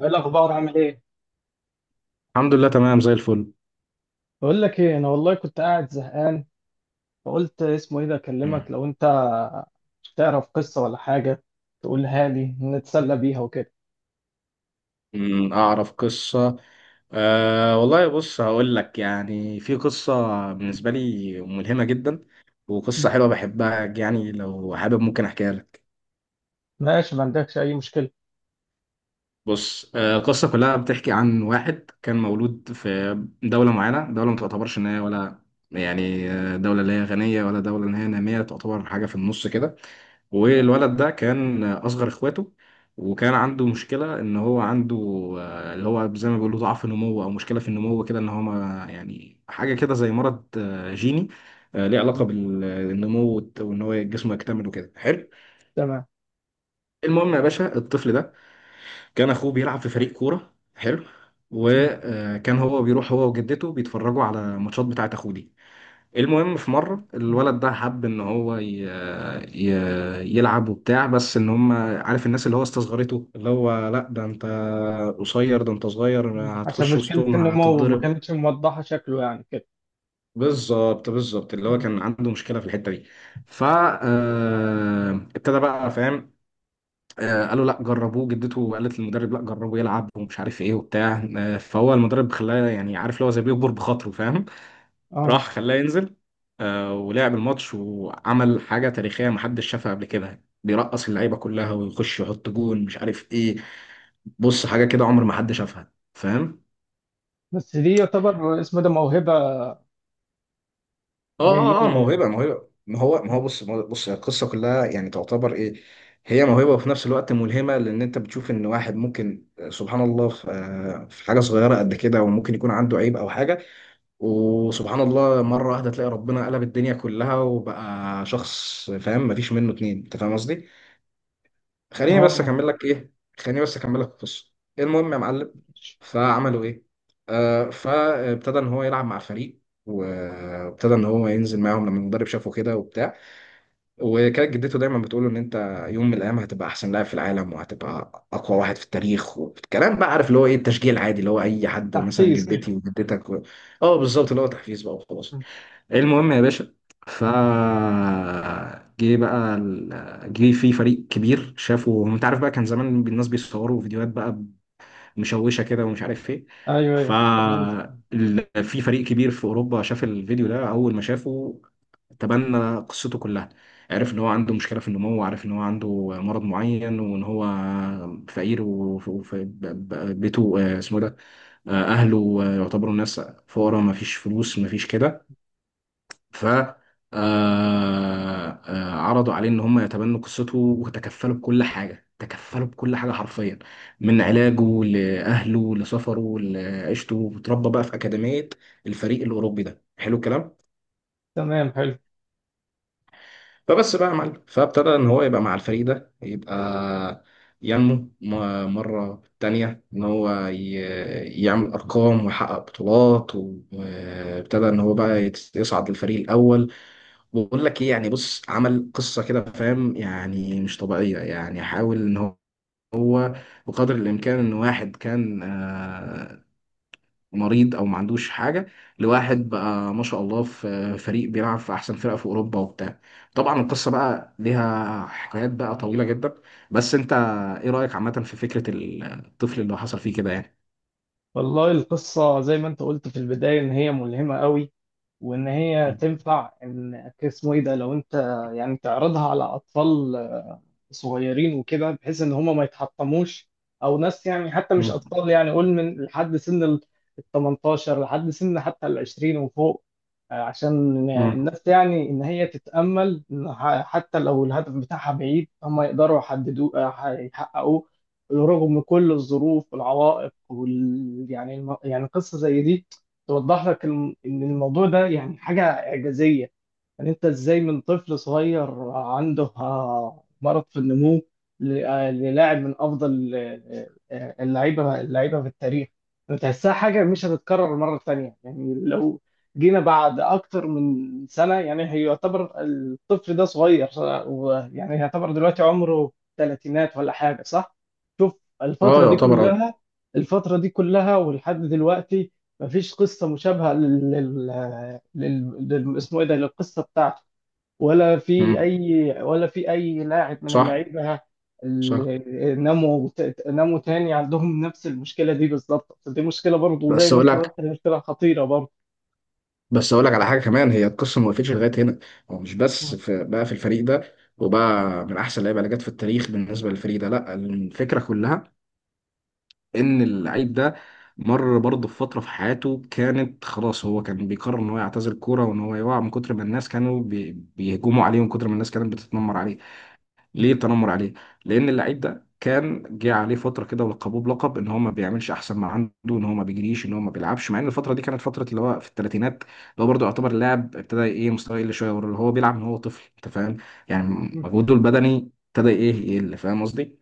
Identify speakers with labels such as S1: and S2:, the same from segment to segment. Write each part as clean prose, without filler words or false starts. S1: ايه الاخبار عامل ايه؟
S2: الحمد لله، تمام زي الفل.
S1: بقول لك ايه، انا والله كنت قاعد زهقان. فقلت اسمه ايه ده اكلمك لو انت تعرف قصة ولا حاجة تقولها لي نتسلى بيها وكده.
S2: أعرف قصة. أه، والله بص، هقول لك يعني في قصة بالنسبة لي ملهمة جدا، وقصة
S1: مم.
S2: حلوة بحبها يعني لو حابب ممكن أحكيها لك.
S1: ماشي، ما عندكش اي مشكلة.
S2: بص، القصة كلها بتحكي عن واحد كان مولود في دولة معينة، دولة ما تعتبرش إن هي ولا يعني دولة اللي هي غنية ولا دولة اللي هي نامية، تعتبر حاجة في النص كده.
S1: تمام.
S2: والولد ده كان أصغر إخواته، وكان عنده مشكلة إن هو عنده اللي هو زي ما بيقولوا ضعف نمو أو مشكلة في النمو كده، إن هو ما يعني حاجة كده زي مرض جيني، ليه علاقة
S1: مم.
S2: بالنمو وإن هو جسمه يكتمل وكده، حلو.
S1: تمام.
S2: المهم يا باشا، الطفل ده كان اخوه بيلعب في فريق كوره حلو،
S1: مم.
S2: وكان هو بيروح هو وجدته بيتفرجوا على ماتشات بتاعه اخوه دي. المهم، في مره الولد ده حب ان هو ي... يلعب وبتاع، بس ان هم عارف الناس اللي هو استصغرته، اللي هو لا ده انت قصير، ده انت صغير
S1: مم. عشان
S2: هتخش
S1: مشكلة
S2: وسطهم
S1: النمو ما
S2: هتتضرب.
S1: كانتش موضحة شكله يعني كده.
S2: بالظبط بالظبط، اللي هو
S1: مم.
S2: كان عنده مشكله في الحته دي. فابتدى بقى فاهم، قالوا لا جربوه، جدته قالت للمدرب لا جربه يلعب ومش عارف ايه وبتاع، فهو المدرب خلاه، يعني عارف اللي هو زي بيكبر بخاطره، فاهم.
S1: اه.
S2: راح خلاه ينزل، ولعب الماتش وعمل حاجة تاريخية محدش شافها قبل كده، بيرقص اللعيبة كلها ويخش يحط جون مش عارف ايه، بص حاجة كده عمر ما حد شافها، فاهم.
S1: بس دي يعتبر اسمه ده موهبة
S2: اه
S1: جاية
S2: اه،
S1: له
S2: موهبة
S1: يعني.
S2: موهبة، ما هو
S1: مم.
S2: بص بص القصة كلها يعني تعتبر ايه. هي موهبة وفي نفس الوقت ملهمة، لأن أنت بتشوف إن واحد ممكن سبحان الله في في حاجة صغيرة قد كده وممكن يكون عنده عيب أو حاجة، وسبحان الله مرة واحدة تلاقي ربنا قلب الدنيا كلها وبقى شخص فاهم مفيش منه اتنين، أنت فاهم قصدي؟ خليني بس
S1: اه.
S2: اكمل لك ايه، خليني بس اكمل لك القصه. المهم يا معلم، فعملوا ايه، فابتدى ان هو يلعب مع الفريق، وابتدى ان هو ينزل معاهم لما المدرب شافه كده وبتاع، وكانت جدته دايما بتقول له ان انت يوم من الايام هتبقى احسن لاعب في العالم وهتبقى اقوى واحد في التاريخ والكلام، بقى عارف اللي هو ايه، التشجيع العادي اللي هو اي حد مثلا
S1: تحفيز
S2: جدتي
S1: كده.
S2: وجدتك اه بالظبط، اللي هو تحفيز بقى وخلاص.
S1: مم.
S2: المهم يا باشا، ف جه بقى جه في فريق كبير، شافوا انت عارف بقى كان زمان الناس بيصوروا فيديوهات بقى مشوشه كده ومش عارف ايه،
S1: ايوه
S2: ف
S1: ايوه.
S2: في فريق كبير في اوروبا شاف الفيديو ده، اول ما شافه تبنى قصته كلها، عرف ان هو عنده مشكله في النمو وعرف ان هو عنده مرض معين وان هو فقير وبيته اسمه إيه ده، اهله يعتبروا ناس فقراء، ما فيش فلوس ما فيش كده، ف عرضوا عليه ان هم يتبنوا قصته وتكفلوا بكل حاجه، تكفلوا بكل حاجه حرفيا، من علاجه لاهله لسفره لعيشته، اتربى بقى في اكاديميه الفريق الاوروبي ده، حلو الكلام.
S1: تمام، حلو.
S2: فبس بقى يا معلم، فابتدى ان هو يبقى مع الفريق ده، يبقى ينمو مره تانية ان هو يعمل ارقام ويحقق بطولات، وابتدى ان هو بقى يصعد للفريق الاول. بقول لك ايه يعني، بص عمل قصه كده، فاهم يعني مش طبيعيه، يعني حاول ان هو بقدر الامكان ان واحد كان مريض او ما عندوش حاجه، لواحد بقى ما شاء الله في فريق بيلعب في احسن فرقه في اوروبا وبتاع. طبعا القصه بقى ليها حكايات بقى طويله جدا، بس انت ايه رايك عامه في فكره الطفل اللي حصل فيه كده يعني.
S1: والله القصة زي ما انت قلت في البداية ان هي ملهمة قوي، وان هي
S2: مم.
S1: تنفع ان اسمه ايه ده لو انت يعني تعرضها على اطفال صغيرين وكده بحيث ان هم ما يتحطموش، او ناس يعني حتى مش
S2: مم.
S1: اطفال، يعني قول من لحد سن ال 18 لحد سن حتى ال 20 وفوق. عشان
S2: مم.
S1: الناس يعني ان هي تتامل إن حتى لو الهدف بتاعها بعيد هم يقدروا يحددوه، يحققوه رغم كل الظروف والعوائق يعني يعني قصه زي دي توضح لك ان الموضوع ده يعني حاجه اعجازيه. يعني انت ازاي من طفل صغير عنده مرض في النمو للاعب من افضل اللعيبه في التاريخ. بتحسها حاجه مش هتتكرر مره تانية. يعني لو جينا بعد اكتر من سنه، يعني هي يعتبر الطفل ده صغير، يعني يعتبر دلوقتي عمره ثلاثينات ولا حاجه، صح؟ شوف
S2: اه
S1: الفتره دي
S2: يعتبر اه.
S1: كلها الفتره دي كلها ولحد دلوقتي مفيش قصه مشابهه اسمه ايه ده للقصه بتاعته، ولا
S2: مم.
S1: في اي ولا في اي لاعب من
S2: صح.
S1: اللعيبه
S2: صح.
S1: اللي ناموا تاني عندهم نفس المشكله دي بالظبط. دي مشكله برضه زي
S2: بس
S1: ما
S2: اقول
S1: انت
S2: لك
S1: قلت، هي مشكله خطيره برضه.
S2: بس اقول لك على حاجه كمان، هي القصه ما وقفتش لغايه هنا، هو مش بس في بقى في الفريق ده وبقى من احسن اللعيبه اللي جت في التاريخ بالنسبه للفريق ده، لا الفكره كلها ان اللعيب ده مر برضه في فتره في حياته كانت خلاص، هو كان بيقرر ان هو يعتزل الكوره وان هو يقع، من كتر ما الناس كانوا بيهجموا عليه ومن كتر ما الناس كانت بتتنمر عليه. ليه التنمر عليه؟ لأن اللعيب ده كان جه عليه فترة كده ولقبوه بلقب إن هو ما بيعملش أحسن ما عنده، إن هو ما بيجريش، إن هو ما بيلعبش، مع إن الفترة دي كانت فترة اللي هو في الثلاثينات، اللي هو برضه يعتبر اللاعب ابتدى إيه مستواه يقل شوية، واللي هو بيلعب من هو طفل، أنت فاهم؟ يعني مجهوده البدني ابتدى إيه يقل، فاهم قصدي؟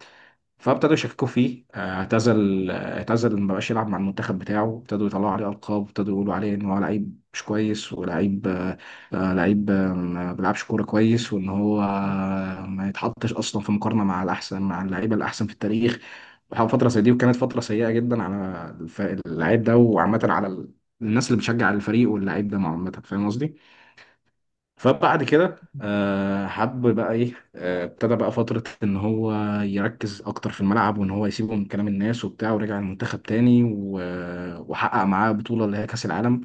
S2: فابتدوا يشككوا فيه، اعتزل ما بقاش يلعب مع المنتخب بتاعه، ابتدوا يطلعوا عليه القاب، ابتدوا يقولوا عليه ان هو لعيب مش كويس، ولعيب آه، آه، لعيب آه، ما بيلعبش كوره كويس، وان هو ما يتحطش اصلا في مقارنه مع الاحسن، مع اللعيبه الاحسن في التاريخ. وحاول فتره زي دي، وكانت فتره سيئه جدا على اللعيب ده وعامه على الناس اللي بتشجع الفريق واللعيب ده عامه، فاهم قصدي؟ فبعد كده حب بقى ايه، ابتدى بقى فترة ان هو يركز اكتر في الملعب وان هو يسيبه من كلام الناس وبتاع، ورجع المنتخب تاني وحقق معاه بطولة اللي هي كأس العالم،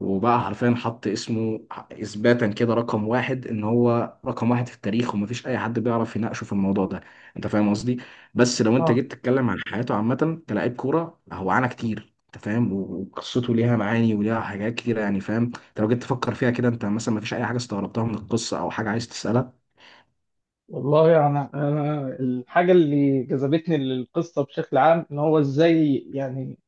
S2: وبقى حرفيا حط اسمه اثباتا كده رقم واحد، ان هو رقم واحد في التاريخ ومفيش اي حد بيعرف يناقشه في الموضوع ده، انت فاهم قصدي. بس لو انت
S1: اه
S2: جيت تتكلم عن حياته عامه كلاعب كوره، هو عانى كتير انت فاهم، وقصته ليها معاني وليها حاجات كتير يعني، فاهم، انت لو جيت تفكر فيها كده، انت مثلا مفيش اي حاجه استغربتها من القصه او حاجه عايز تسالها؟
S1: والله، انا الحاجه اللي جذبتني للقصه بشكل عام ان هو ازاي، يعني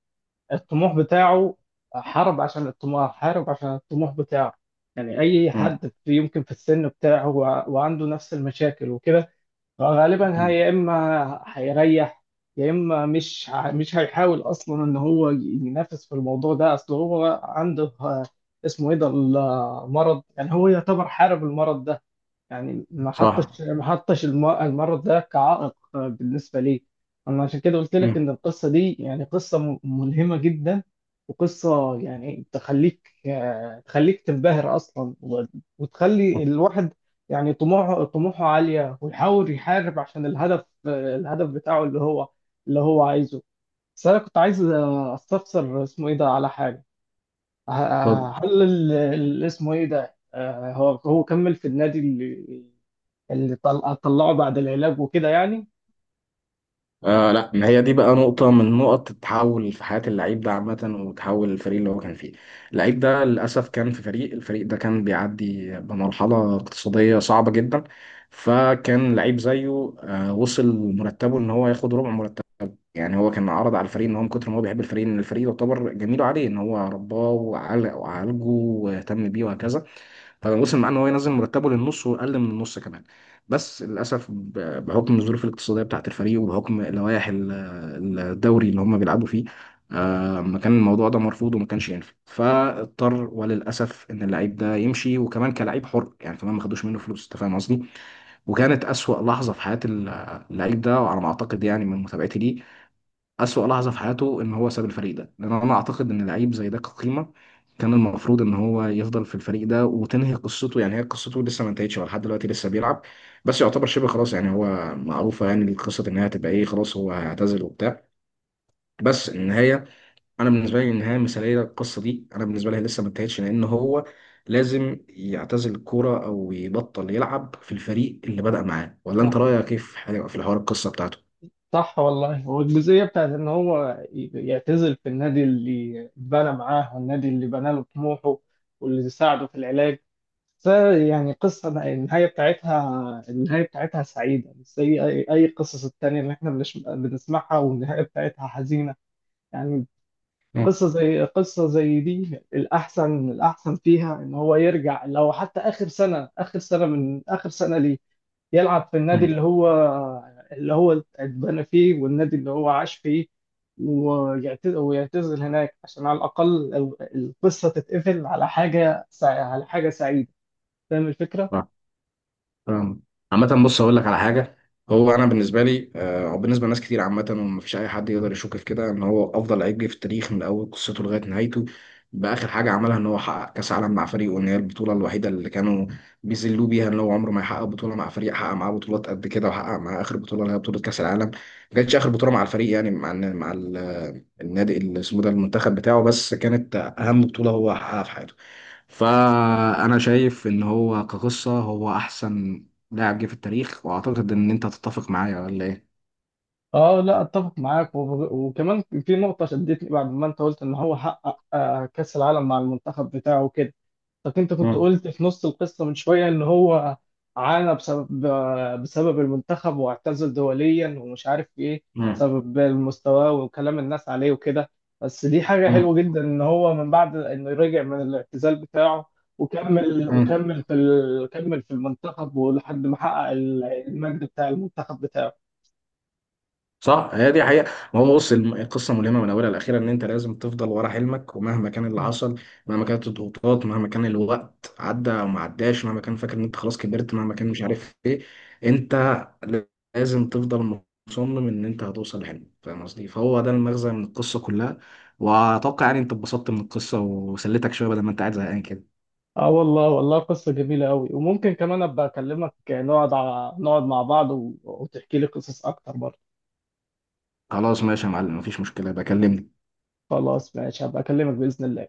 S1: الطموح بتاعه حارب عشان الطموح بتاعه. يعني أي
S2: مم.
S1: حد يمكن في السن بتاعه وعنده نفس المشاكل وكده، فغالبا هي
S2: مم.
S1: يا إما هيريح يا إما مش هيحاول أصلا إن هو ينافس في الموضوع ده، أصل هو عنده اسمه إيه ده المرض. يعني هو يعتبر حارب المرض ده، يعني ما
S2: صح.
S1: حطش ما حطش المرض ده كعائق بالنسبة لي. أنا عشان كده قلت لك
S2: مم.
S1: إن القصة دي يعني قصة ملهمة جدا، وقصة يعني تخليك تنبهر أصلا، وتخلي الواحد يعني طموحه عالية، ويحاول يحارب عشان الهدف بتاعه اللي هو عايزه. بس أنا كنت عايز أستفسر اسمه إيه ده على حاجة.
S2: اتفضل.
S1: هل اسمه ايه ده هو كمل في النادي اللي طلعه بعد العلاج وكده يعني؟
S2: آه لا، ما هي دي بقى نقطة من نقط التحول في حياة اللعيب ده عامة، وتحول الفريق اللي هو كان فيه. اللعيب ده للأسف كان في فريق، الفريق ده كان بيعدي بمرحلة اقتصادية صعبة جدا، فكان لعيب زيه وصل مرتبه إن هو ياخد ربع مرتبه، يعني هو كان عرض على الفريق إن هو من كتر ما هو بيحب الفريق، إن الفريق يعتبر جميل عليه إن هو رباه وعالجه واهتم بيه وهكذا، فوصل معاه ان هو ينزل مرتبه للنص واقل من النص كمان. بس للاسف بحكم الظروف الاقتصاديه بتاعه الفريق وبحكم لوائح الدوري اللي هم بيلعبوا فيه، ما كان الموضوع ده مرفوض وما كانش ينفع، فاضطر وللاسف ان اللعيب ده يمشي، وكمان كلاعب حر يعني، كمان ما خدوش منه فلوس انت فاهم قصدي.
S1: مم.
S2: وكانت اسوأ لحظه في حياه اللعيب ده، وعلى ما اعتقد يعني من متابعتي ليه، أسوأ لحظة في حياته إن هو ساب الفريق ده، لأن أنا أعتقد إن لعيب زي ده كقيمة كان المفروض إن هو يفضل في الفريق ده وتنهي قصته، يعني هي قصته لسه ما انتهتش، هو لحد دلوقتي لسه بيلعب، بس يعتبر شبه خلاص، يعني هو معروفة يعني القصة إن هي هتبقى إيه، خلاص هو هيعتزل وبتاع، بس النهاية أنا بالنسبة لي النهاية مثالية للقصة دي، أنا بالنسبة لي لسه ما انتهتش، لأن هو لازم يعتزل الكورة أو يبطل يلعب في الفريق اللي بدأ معاه، ولا أنت
S1: صح،
S2: رأيك كيف في في الحوار القصة بتاعته؟
S1: صح. والله هو الجزئية بتاعت ان هو يعتزل في النادي اللي اتبنى معاه والنادي اللي بنى له طموحه واللي ساعده في العلاج، فيعني قصة النهاية بتاعتها سعيدة مش زي أي قصص التانية اللي إحنا بنسمعها والنهاية بتاعتها حزينة. يعني
S2: مم.
S1: قصة زي دي الأحسن فيها إن هو يرجع، لو حتى آخر سنة آخر سنة من آخر سنة ليه، يلعب في النادي اللي
S2: مم.
S1: هو اللي هو اتبنى فيه والنادي اللي هو عاش فيه، ويعتزل هناك عشان على الأقل القصة تتقفل على على حاجة سعيدة. فاهم الفكرة؟
S2: فاهم. عامة بص هقول لك على حاجة، هو أنا بالنسبة لي أو بالنسبة لناس كتير عامة، ومفيش أي حد يقدر يشك في كده، إن هو أفضل لعيب جه في التاريخ من أول قصته لغاية نهايته، بآخر حاجة عملها إن هو حقق كأس عالم مع فريقه، إن هي البطولة الوحيدة اللي كانوا بيذلوه بيها، إن هو عمره ما يحقق بطولة مع فريق، حقق معاه بطولات قد كده وحقق معاه آخر بطولة اللي هي بطولة كأس العالم. ما كانتش آخر بطولة مع الفريق، يعني مع النادي اسمه ده، المنتخب بتاعه، بس كانت اهم بطولة هو حققها في حياته، فانا شايف ان هو كقصة هو احسن لاعب جه في التاريخ، واعتقد ان انت هتتفق معايا ولا ايه.
S1: اه، لا، اتفق معاك. وكمان في نقطة شدتني بعد ما انت قلت ان هو حقق كأس العالم مع المنتخب بتاعه كده. طب انت كنت
S2: مم.
S1: قلت في نص القصة من شوية ان هو عانى بسبب المنتخب، واعتزل دوليا ومش عارف ايه
S2: مم.
S1: بسبب المستوى وكلام الناس عليه وكده. بس دي حاجة
S2: مم.
S1: حلوة جدا ان هو من بعد انه رجع من الاعتزال بتاعه
S2: مم.
S1: كمل في المنتخب ولحد ما حقق المجد بتاع المنتخب بتاعه.
S2: صح هي دي حقيقة. ما هو بص القصة ملهمة من أولها لأخيرا، إن أنت لازم تفضل ورا حلمك، ومهما كان اللي حصل، مهما كانت الضغوطات، مهما كان الوقت عدى أو ما عداش، مهما كان فاكر إن أنت خلاص كبرت، مهما كان مش عارف إيه، أنت لازم تفضل مصمم إن أنت هتوصل لحلمك، فاهم قصدي، فهو ده المغزى من القصة كلها. وأتوقع يعني أنت اتبسطت من القصة وسليتك شوية بدل ما أنت قاعد زهقان كده.
S1: اه، والله والله قصة جميلة قوي، وممكن كمان ابقى اكلمك نقعد مع بعض وتحكي لي قصص اكتر برضه.
S2: خلاص ماشي يا معلم، مفيش مشكلة، بكلمني.
S1: خلاص ماشي، هبقى اكلمك بإذن الله.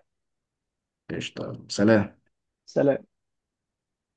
S2: قشطة، سلام.
S1: سلام.